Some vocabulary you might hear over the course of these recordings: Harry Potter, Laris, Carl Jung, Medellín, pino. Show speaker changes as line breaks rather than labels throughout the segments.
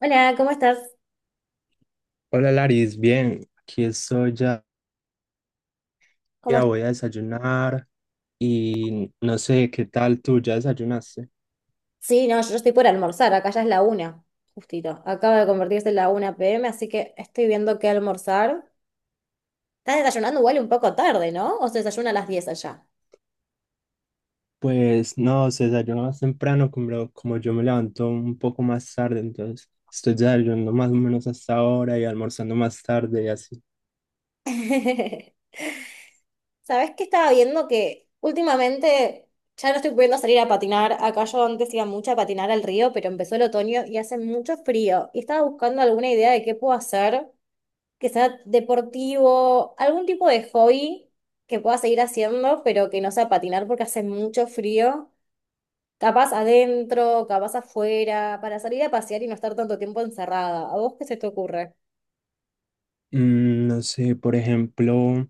Hola, ¿cómo estás?
Hola Laris, bien, aquí estoy ya,
¿Cómo
ya
est-
voy a desayunar y no sé qué tal tú, ¿ya desayunaste?
Sí, no, yo estoy por almorzar, acá ya es la una, justito. Acaba de convertirse en la 1 p.m., así que estoy viendo qué almorzar. Estás desayunando igual un poco tarde, ¿no? O se desayuna a las diez allá.
Pues no, se desayuna más temprano, como yo me levanto un poco más tarde, entonces estoy desayunando más o menos hasta ahora y almorzando más tarde y así.
¿Sabés qué estaba viendo? Que últimamente ya no estoy pudiendo salir a patinar. Acá yo antes iba mucho a patinar al río, pero empezó el otoño y hace mucho frío. Y estaba buscando alguna idea de qué puedo hacer que sea deportivo, algún tipo de hobby que pueda seguir haciendo, pero que no sea patinar porque hace mucho frío. Capaz adentro, capaz afuera, para salir a pasear y no estar tanto tiempo encerrada. ¿A vos qué se te ocurre?
No sé, por ejemplo,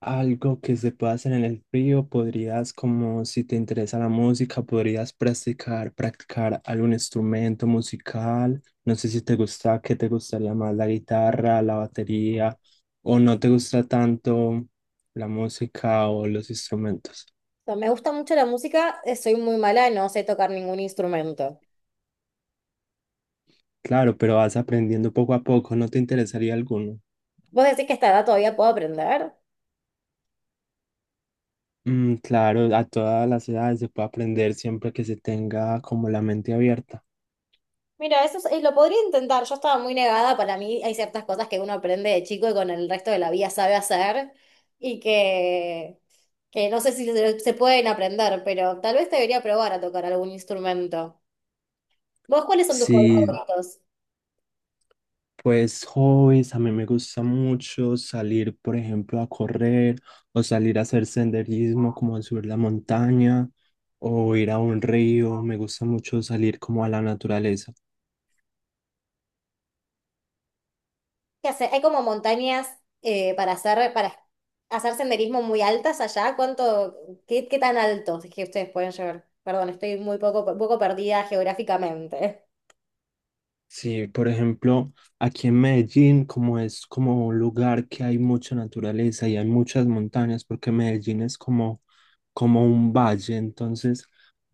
algo que se pueda hacer en el frío, podrías, como si te interesa la música, podrías practicar algún instrumento musical. No sé si te gusta, qué te gustaría más, la guitarra, la batería, o no te gusta tanto la música o los instrumentos.
O sea, me gusta mucho la música, soy muy mala, no sé tocar ningún instrumento.
Claro, pero vas aprendiendo poco a poco, ¿no te interesaría alguno?
¿Vos decís que a esta edad todavía puedo aprender?
Mm, claro, a todas las edades se puede aprender siempre que se tenga como la mente abierta.
Mira, eso es, lo podría intentar. Yo estaba muy negada. Para mí hay ciertas cosas que uno aprende de chico y con el resto de la vida sabe hacer y que no sé si se pueden aprender, pero tal vez debería probar a tocar algún instrumento. ¿Vos cuáles son tus hobbies
Sí,
favoritos?
pues hobbies, a mí me gusta mucho salir, por ejemplo, a correr o salir a hacer senderismo, como a subir la montaña o ir a un río. Me gusta mucho salir como a la naturaleza.
¿Qué hace? Hay como montañas para hacer senderismo muy altas allá. ¿Qué tan altos es que ustedes pueden llegar? Perdón, estoy muy poco perdida geográficamente.
Sí, por ejemplo, aquí en Medellín, como es como un lugar que hay mucha naturaleza y hay muchas montañas, porque Medellín es como, como un valle, entonces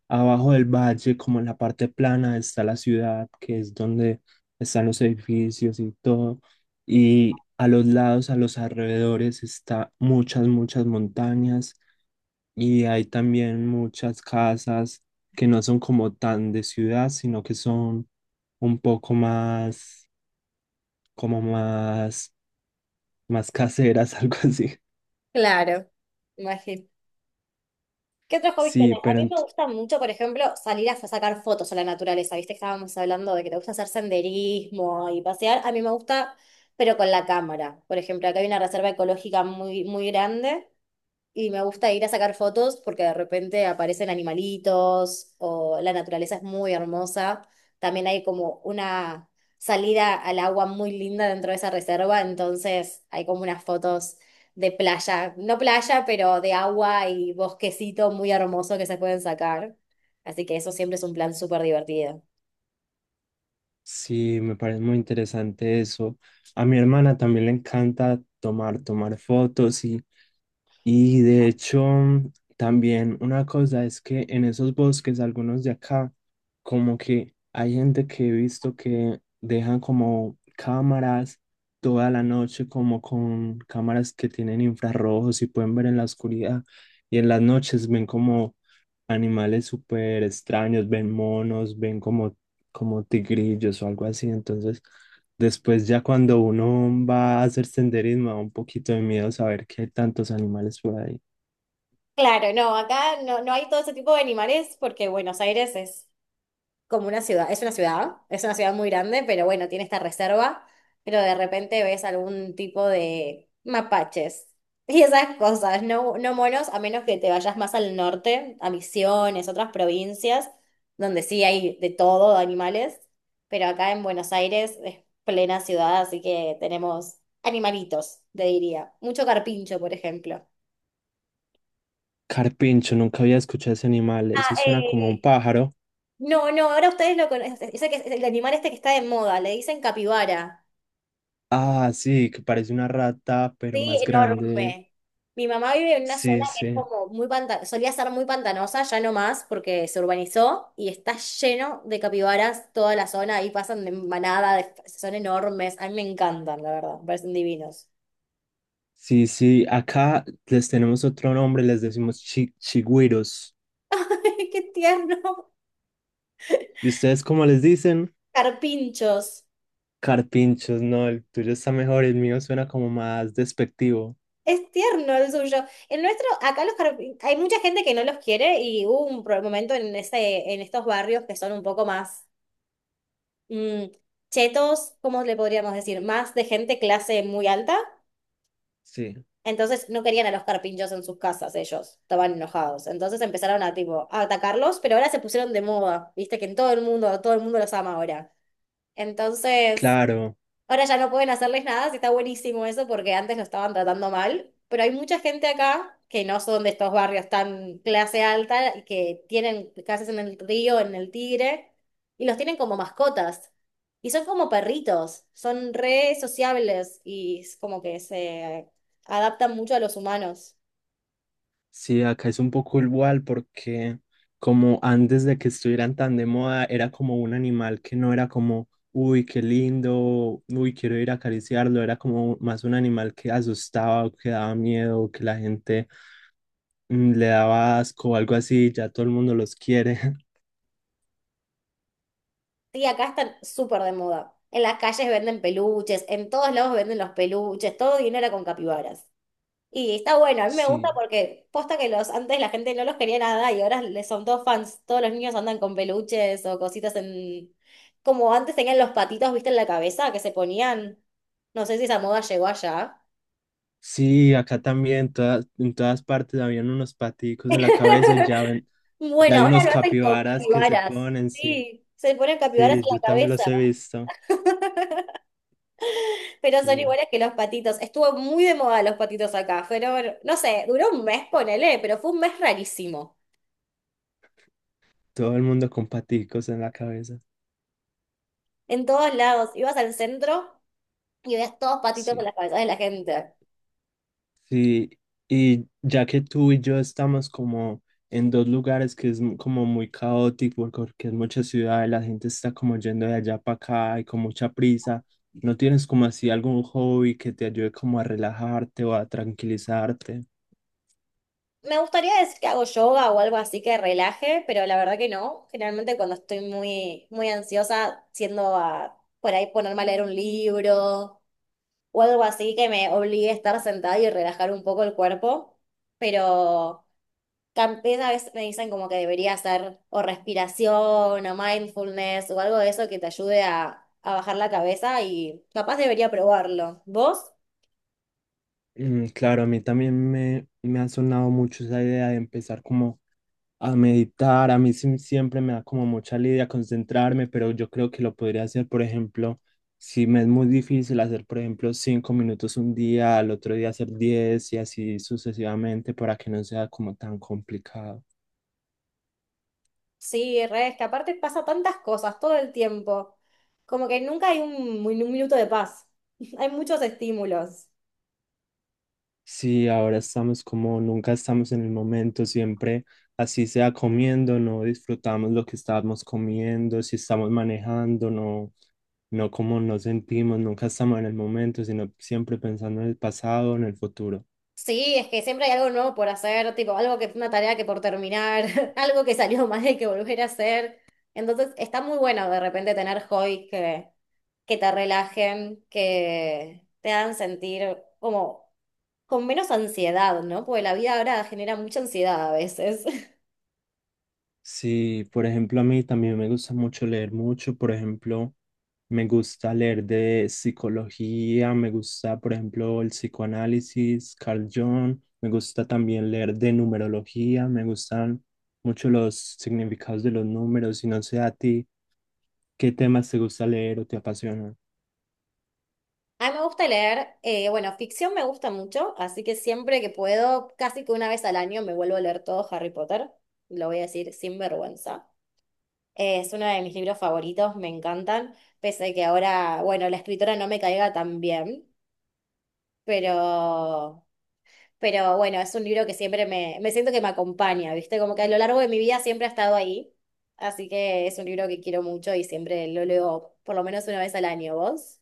abajo del valle, como en la parte plana, está la ciudad, que es donde están los edificios y todo, y a los lados, a los alrededores, está muchas, muchas montañas y hay también muchas casas que no son como tan de ciudad, sino que son un poco más, como más, más caseras, algo así.
Claro, imagino. ¿Qué otros hobbies
Sí,
tenés? A
pero
mí
ent-
me gusta mucho, por ejemplo, salir a sacar fotos a la naturaleza. Viste que estábamos hablando de que te gusta hacer senderismo y pasear. A mí me gusta, pero con la cámara. Por ejemplo, acá hay una reserva ecológica muy grande y me gusta ir a sacar fotos porque de repente aparecen animalitos o la naturaleza es muy hermosa. También hay como una salida al agua muy linda dentro de esa reserva, entonces hay como unas fotos de playa, no playa, pero de agua y bosquecito muy hermoso que se pueden sacar. Así que eso siempre es un plan súper divertido.
sí, me parece muy interesante eso. A mi hermana también le encanta tomar fotos. Y de hecho, también una cosa es que en esos bosques, algunos de acá, como que hay gente que he visto que dejan como cámaras toda la noche, como con cámaras que tienen infrarrojos y pueden ver en la oscuridad. Y en las noches ven como animales súper extraños, ven monos, ven como, como tigrillos o algo así. Entonces, después ya cuando uno va a hacer senderismo, da un poquito de miedo saber que hay tantos animales por ahí.
Claro, acá no hay todo ese tipo de animales porque Buenos Aires es como una ciudad, es una ciudad muy grande, pero bueno, tiene esta reserva, pero de repente ves algún tipo de mapaches y esas cosas, no monos, a menos que te vayas más al norte, a Misiones, otras provincias, donde sí hay de todo, de animales, pero acá en Buenos Aires es plena ciudad, así que tenemos animalitos, te diría. Mucho carpincho, por ejemplo.
Carpincho, nunca había escuchado ese animal.
Ah,
Eso suena como a un
eh,
pájaro.
no, ahora ustedes lo conocen, el animal este que está de moda, le dicen capibara.
Ah, sí, que parece una rata, pero
Sí,
más grande.
enorme. Mi mamá vive en una zona
Sí,
que es
sí.
como muy pantanosa, solía ser muy pantanosa, ya no más porque se urbanizó y está lleno de capibaras toda la zona, ahí pasan de manada, son enormes, a mí me encantan, la verdad, me parecen divinos.
Sí, sí. Acá les tenemos otro nombre, les decimos chigüiros.
¡Qué tierno!
¿Y ustedes cómo les dicen?
Carpinchos.
Carpinchos, no, el tuyo está mejor, el mío suena como más despectivo.
Es tierno el suyo. El nuestro, acá los carpinchos, hay mucha gente que no los quiere y hubo un momento en ese, en estos barrios que son un poco más mm, chetos, ¿cómo le podríamos decir? Más de gente clase muy alta.
Sí,
Entonces no querían a los carpinchos en sus casas ellos, estaban enojados. Entonces empezaron a tipo a atacarlos, pero ahora se pusieron de moda, viste que en todo el mundo los ama ahora. Entonces
claro.
ahora ya no pueden hacerles nada, sí está buenísimo eso porque antes lo estaban tratando mal, pero hay mucha gente acá que no son de estos barrios tan clase alta y que tienen casas en el río, en el Tigre, y los tienen como mascotas. Y son como perritos, son re sociables y es como que se adaptan mucho a los humanos.
Sí, acá es un poco igual porque como antes de que estuvieran tan de moda, era como un animal que no era como, uy, qué lindo, uy, quiero ir a acariciarlo, era como más un animal que asustaba o que daba miedo, o que la gente le daba asco o algo así, ya todo el mundo los quiere.
Y acá están súper de moda. En las calles venden peluches, en todos lados venden los peluches, todo dinero con capibaras. Y está bueno, a mí me gusta
Sí,
porque posta que los antes la gente no los quería nada y ahora les son todos fans. Todos los niños andan con peluches o cositas en... Como antes tenían los patitos, ¿viste? En la cabeza que se ponían. No sé si esa moda llegó allá.
sí, acá también, todas, en todas partes habían unos paticos en la cabeza, ya ven, ya
Bueno,
hay
ahora
unos
lo hacen como
capibaras que se
capibaras.
ponen, sí,
Sí, se ponen capibaras en
sí, yo
la
también
cabeza,
los he visto,
pero son
sí.
iguales que los patitos. Estuvo muy de moda los patitos acá. Fueron, no sé, duró un mes, ponele, pero fue un mes rarísimo.
Todo el mundo con paticos en la cabeza.
En todos lados. Ibas al centro y ves todos patitos en
Sí.
las cabezas de la gente.
Sí, y ya que tú y yo estamos como en dos lugares que es como muy caótico, porque es mucha ciudad y la gente está como yendo de allá para acá y con mucha prisa, ¿no tienes como así algún hobby que te ayude como a relajarte o a tranquilizarte?
Me gustaría decir que hago yoga o algo así que relaje, pero la verdad que no. Generalmente cuando estoy muy ansiosa, siendo a por ahí ponerme a leer un libro o algo así que me obligue a estar sentada y relajar un poco el cuerpo. Pero también a veces me dicen como que debería hacer o respiración o mindfulness o algo de eso que te ayude a bajar la cabeza y capaz debería probarlo. ¿Vos?
Mm, claro, a mí también me ha sonado mucho esa idea de empezar como a meditar. A mí siempre me da como mucha lidia concentrarme, pero yo creo que lo podría hacer, por ejemplo, si me es muy difícil hacer, por ejemplo, 5 minutos un día, al otro día hacer 10 y así sucesivamente para que no sea como tan complicado.
Sí, re, es que aparte pasa tantas cosas todo el tiempo. Como que nunca hay un minuto de paz. Hay muchos estímulos.
Sí, ahora estamos como nunca estamos en el momento, siempre así sea comiendo, no disfrutamos lo que estamos comiendo, si estamos manejando, no, no como nos sentimos, nunca estamos en el momento, sino siempre pensando en el pasado, en el futuro.
Sí, es que siempre hay algo nuevo por hacer, tipo algo que una tarea que por terminar, algo que salió mal y que volver a hacer. Entonces está muy bueno de repente tener hobbies que te relajen, que te hagan sentir como con menos ansiedad, ¿no? Porque la vida ahora genera mucha ansiedad a veces.
Sí, por ejemplo, a mí también me gusta mucho leer mucho. Por ejemplo, me gusta leer de psicología, me gusta, por ejemplo, el psicoanálisis, Carl Jung, me gusta también leer de numerología, me gustan mucho los significados de los números y no sé a ti qué temas te gusta leer o te apasionan.
A mí me gusta leer, bueno, ficción me gusta mucho, así que siempre que puedo, casi que una vez al año me vuelvo a leer todo Harry Potter, lo voy a decir sin vergüenza. Es uno de mis libros favoritos, me encantan, pese a que ahora, bueno, la escritora no me caiga tan bien, pero, pero bueno, es un libro que siempre me siento que me acompaña, ¿viste? Como que a lo largo de mi vida siempre ha estado ahí, así que es un libro que quiero mucho y siempre lo leo por lo menos una vez al año, ¿vos?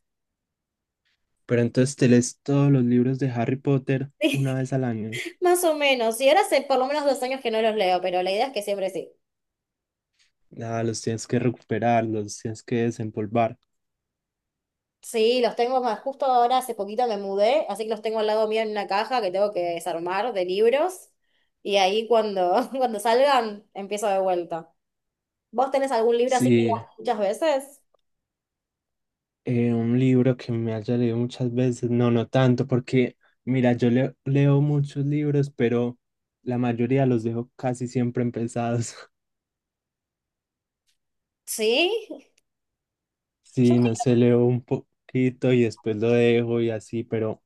¿Pero entonces te lees todos los libros de Harry Potter una vez al año?
Más o menos, y ahora hace por lo menos dos años que no los leo, pero la idea es que siempre sí.
Nada, los tienes que recuperar, los tienes que desempolvar.
Sí, los tengo más, justo ahora hace poquito me mudé, así que los tengo al lado mío en una caja que tengo que desarmar de libros, y ahí cuando, cuando salgan empiezo de vuelta. ¿Vos tenés algún libro así que
Sí.
leas muchas veces?
Un libro que me haya leído muchas veces, no, no tanto, porque mira, yo leo muchos libros, pero la mayoría los dejo casi siempre empezados.
Sí,
Sí, no
yo
sé, leo un poquito y después lo dejo y así, pero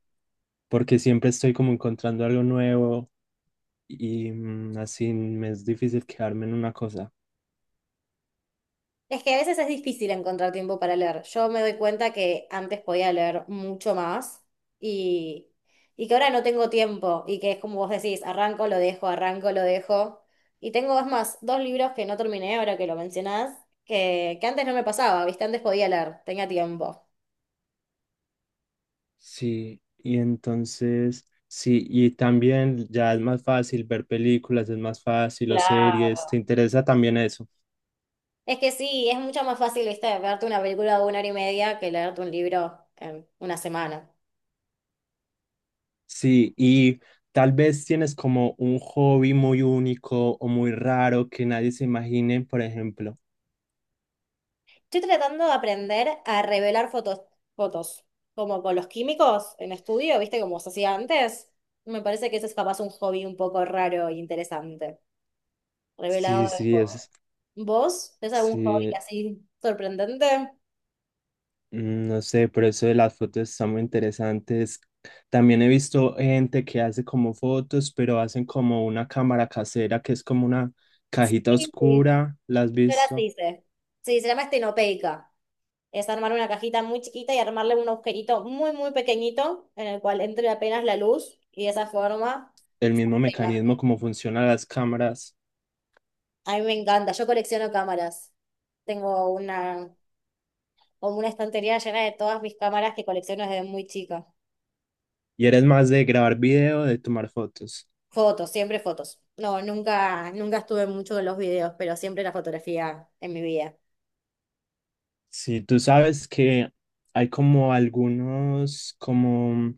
porque siempre estoy como encontrando algo nuevo y así me es difícil quedarme en una cosa.
es que a veces es difícil encontrar tiempo para leer. Yo me doy cuenta que antes podía leer mucho más y, y que ahora no tengo tiempo y que es como vos decís, arranco, lo dejo, arranco, lo dejo. Y tengo, es más, dos libros que no terminé ahora que lo mencionás, que antes no me pasaba, ¿viste? Antes podía leer, tenía tiempo.
Sí, y entonces, sí, y también ya es más fácil ver películas, es más fácil o
Claro.
series, ¿te interesa también eso?
Es que sí, es mucho más fácil, ¿viste? Verte una película de una hora y media que leerte un libro en una semana.
Sí, y tal vez tienes como un hobby muy único o muy raro que nadie se imagine, por ejemplo.
Estoy tratando de aprender a revelar fotos, como con los químicos en estudio, ¿viste? Como se hacía antes. Me parece que ese es capaz un hobby un poco raro e interesante. Revelado
Sí,
de
sí,
fotos.
es,
¿Vos? ¿Tenés algún hobby
sí,
así sorprendente?
no sé, pero eso de las fotos está muy interesantes. También he visto gente que hace como fotos, pero hacen como una cámara casera que es como una cajita
Sí, sí.
oscura, ¿la has
Yo las
visto?
hice. Sí, se llama estenopeica. Es armar una cajita muy chiquita y armarle un agujerito muy pequeñito en el cual entre apenas la luz y de esa forma
El mismo
la imagen.
mecanismo como funcionan las cámaras.
A mí me encanta. Yo colecciono cámaras. Tengo una como una estantería llena de todas mis cámaras que colecciono desde muy chica.
¿Y eres más de grabar video o de tomar fotos?
Fotos, siempre fotos. No, nunca estuve mucho en los videos, pero siempre la fotografía en mi vida.
Sí, tú sabes que hay como algunos como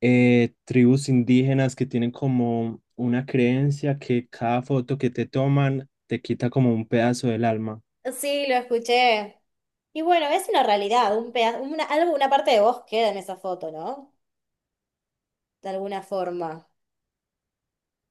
tribus indígenas que tienen como una creencia que cada foto que te toman te quita como un pedazo del alma.
Sí, lo escuché. Y bueno, es una realidad,
Sí,
una parte de vos queda en esa foto, ¿no? De alguna forma.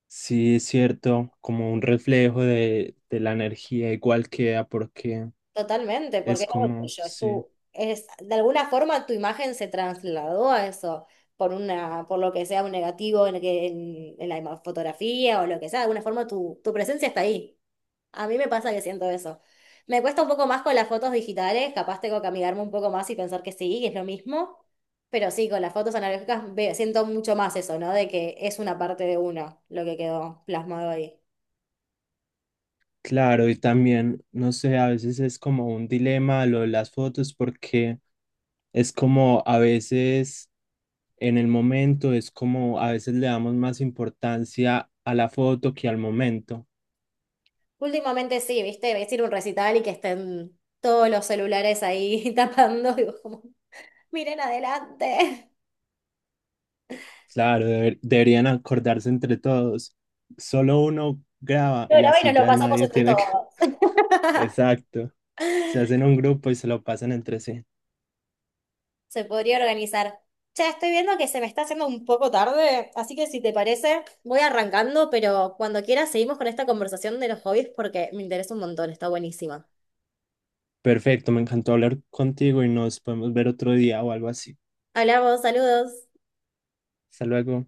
sí, es cierto, como un reflejo de la energía igual queda porque
Totalmente,
es
porque es algo
como,
tuyo,
sí,
es, de alguna forma tu imagen se trasladó a eso, por lo que sea un negativo en fotografía o lo que sea, de alguna forma tu presencia está ahí. A mí me pasa que siento eso. Me cuesta un poco más con las fotos digitales, capaz tengo que amigarme un poco más y pensar que sí, que es lo mismo. Pero sí, con las fotos analógicas siento mucho más eso, ¿no? De que es una parte de uno lo que quedó plasmado ahí.
claro, y también, no sé, a veces es como un dilema lo de las fotos porque es como a veces en el momento, es como a veces le damos más importancia a la foto que al momento.
Últimamente sí, ¿viste? Ves ir a un recital y que estén todos los celulares ahí tapando y vos como, miren adelante.
Claro, deberían acordarse entre todos. Solo uno graba
Lo
y
grabé y nos
así
lo
ya
pasamos
nadie
entre
tiene que...
todos.
Exacto. Se hacen un grupo y se lo pasan entre sí.
Se podría organizar. Ya estoy viendo que se me está haciendo un poco tarde, así que si te parece, voy arrancando, pero cuando quieras seguimos con esta conversación de los hobbies porque me interesa un montón, está buenísima.
Perfecto, me encantó hablar contigo y nos podemos ver otro día o algo así.
Hablamos, saludos.
Hasta luego.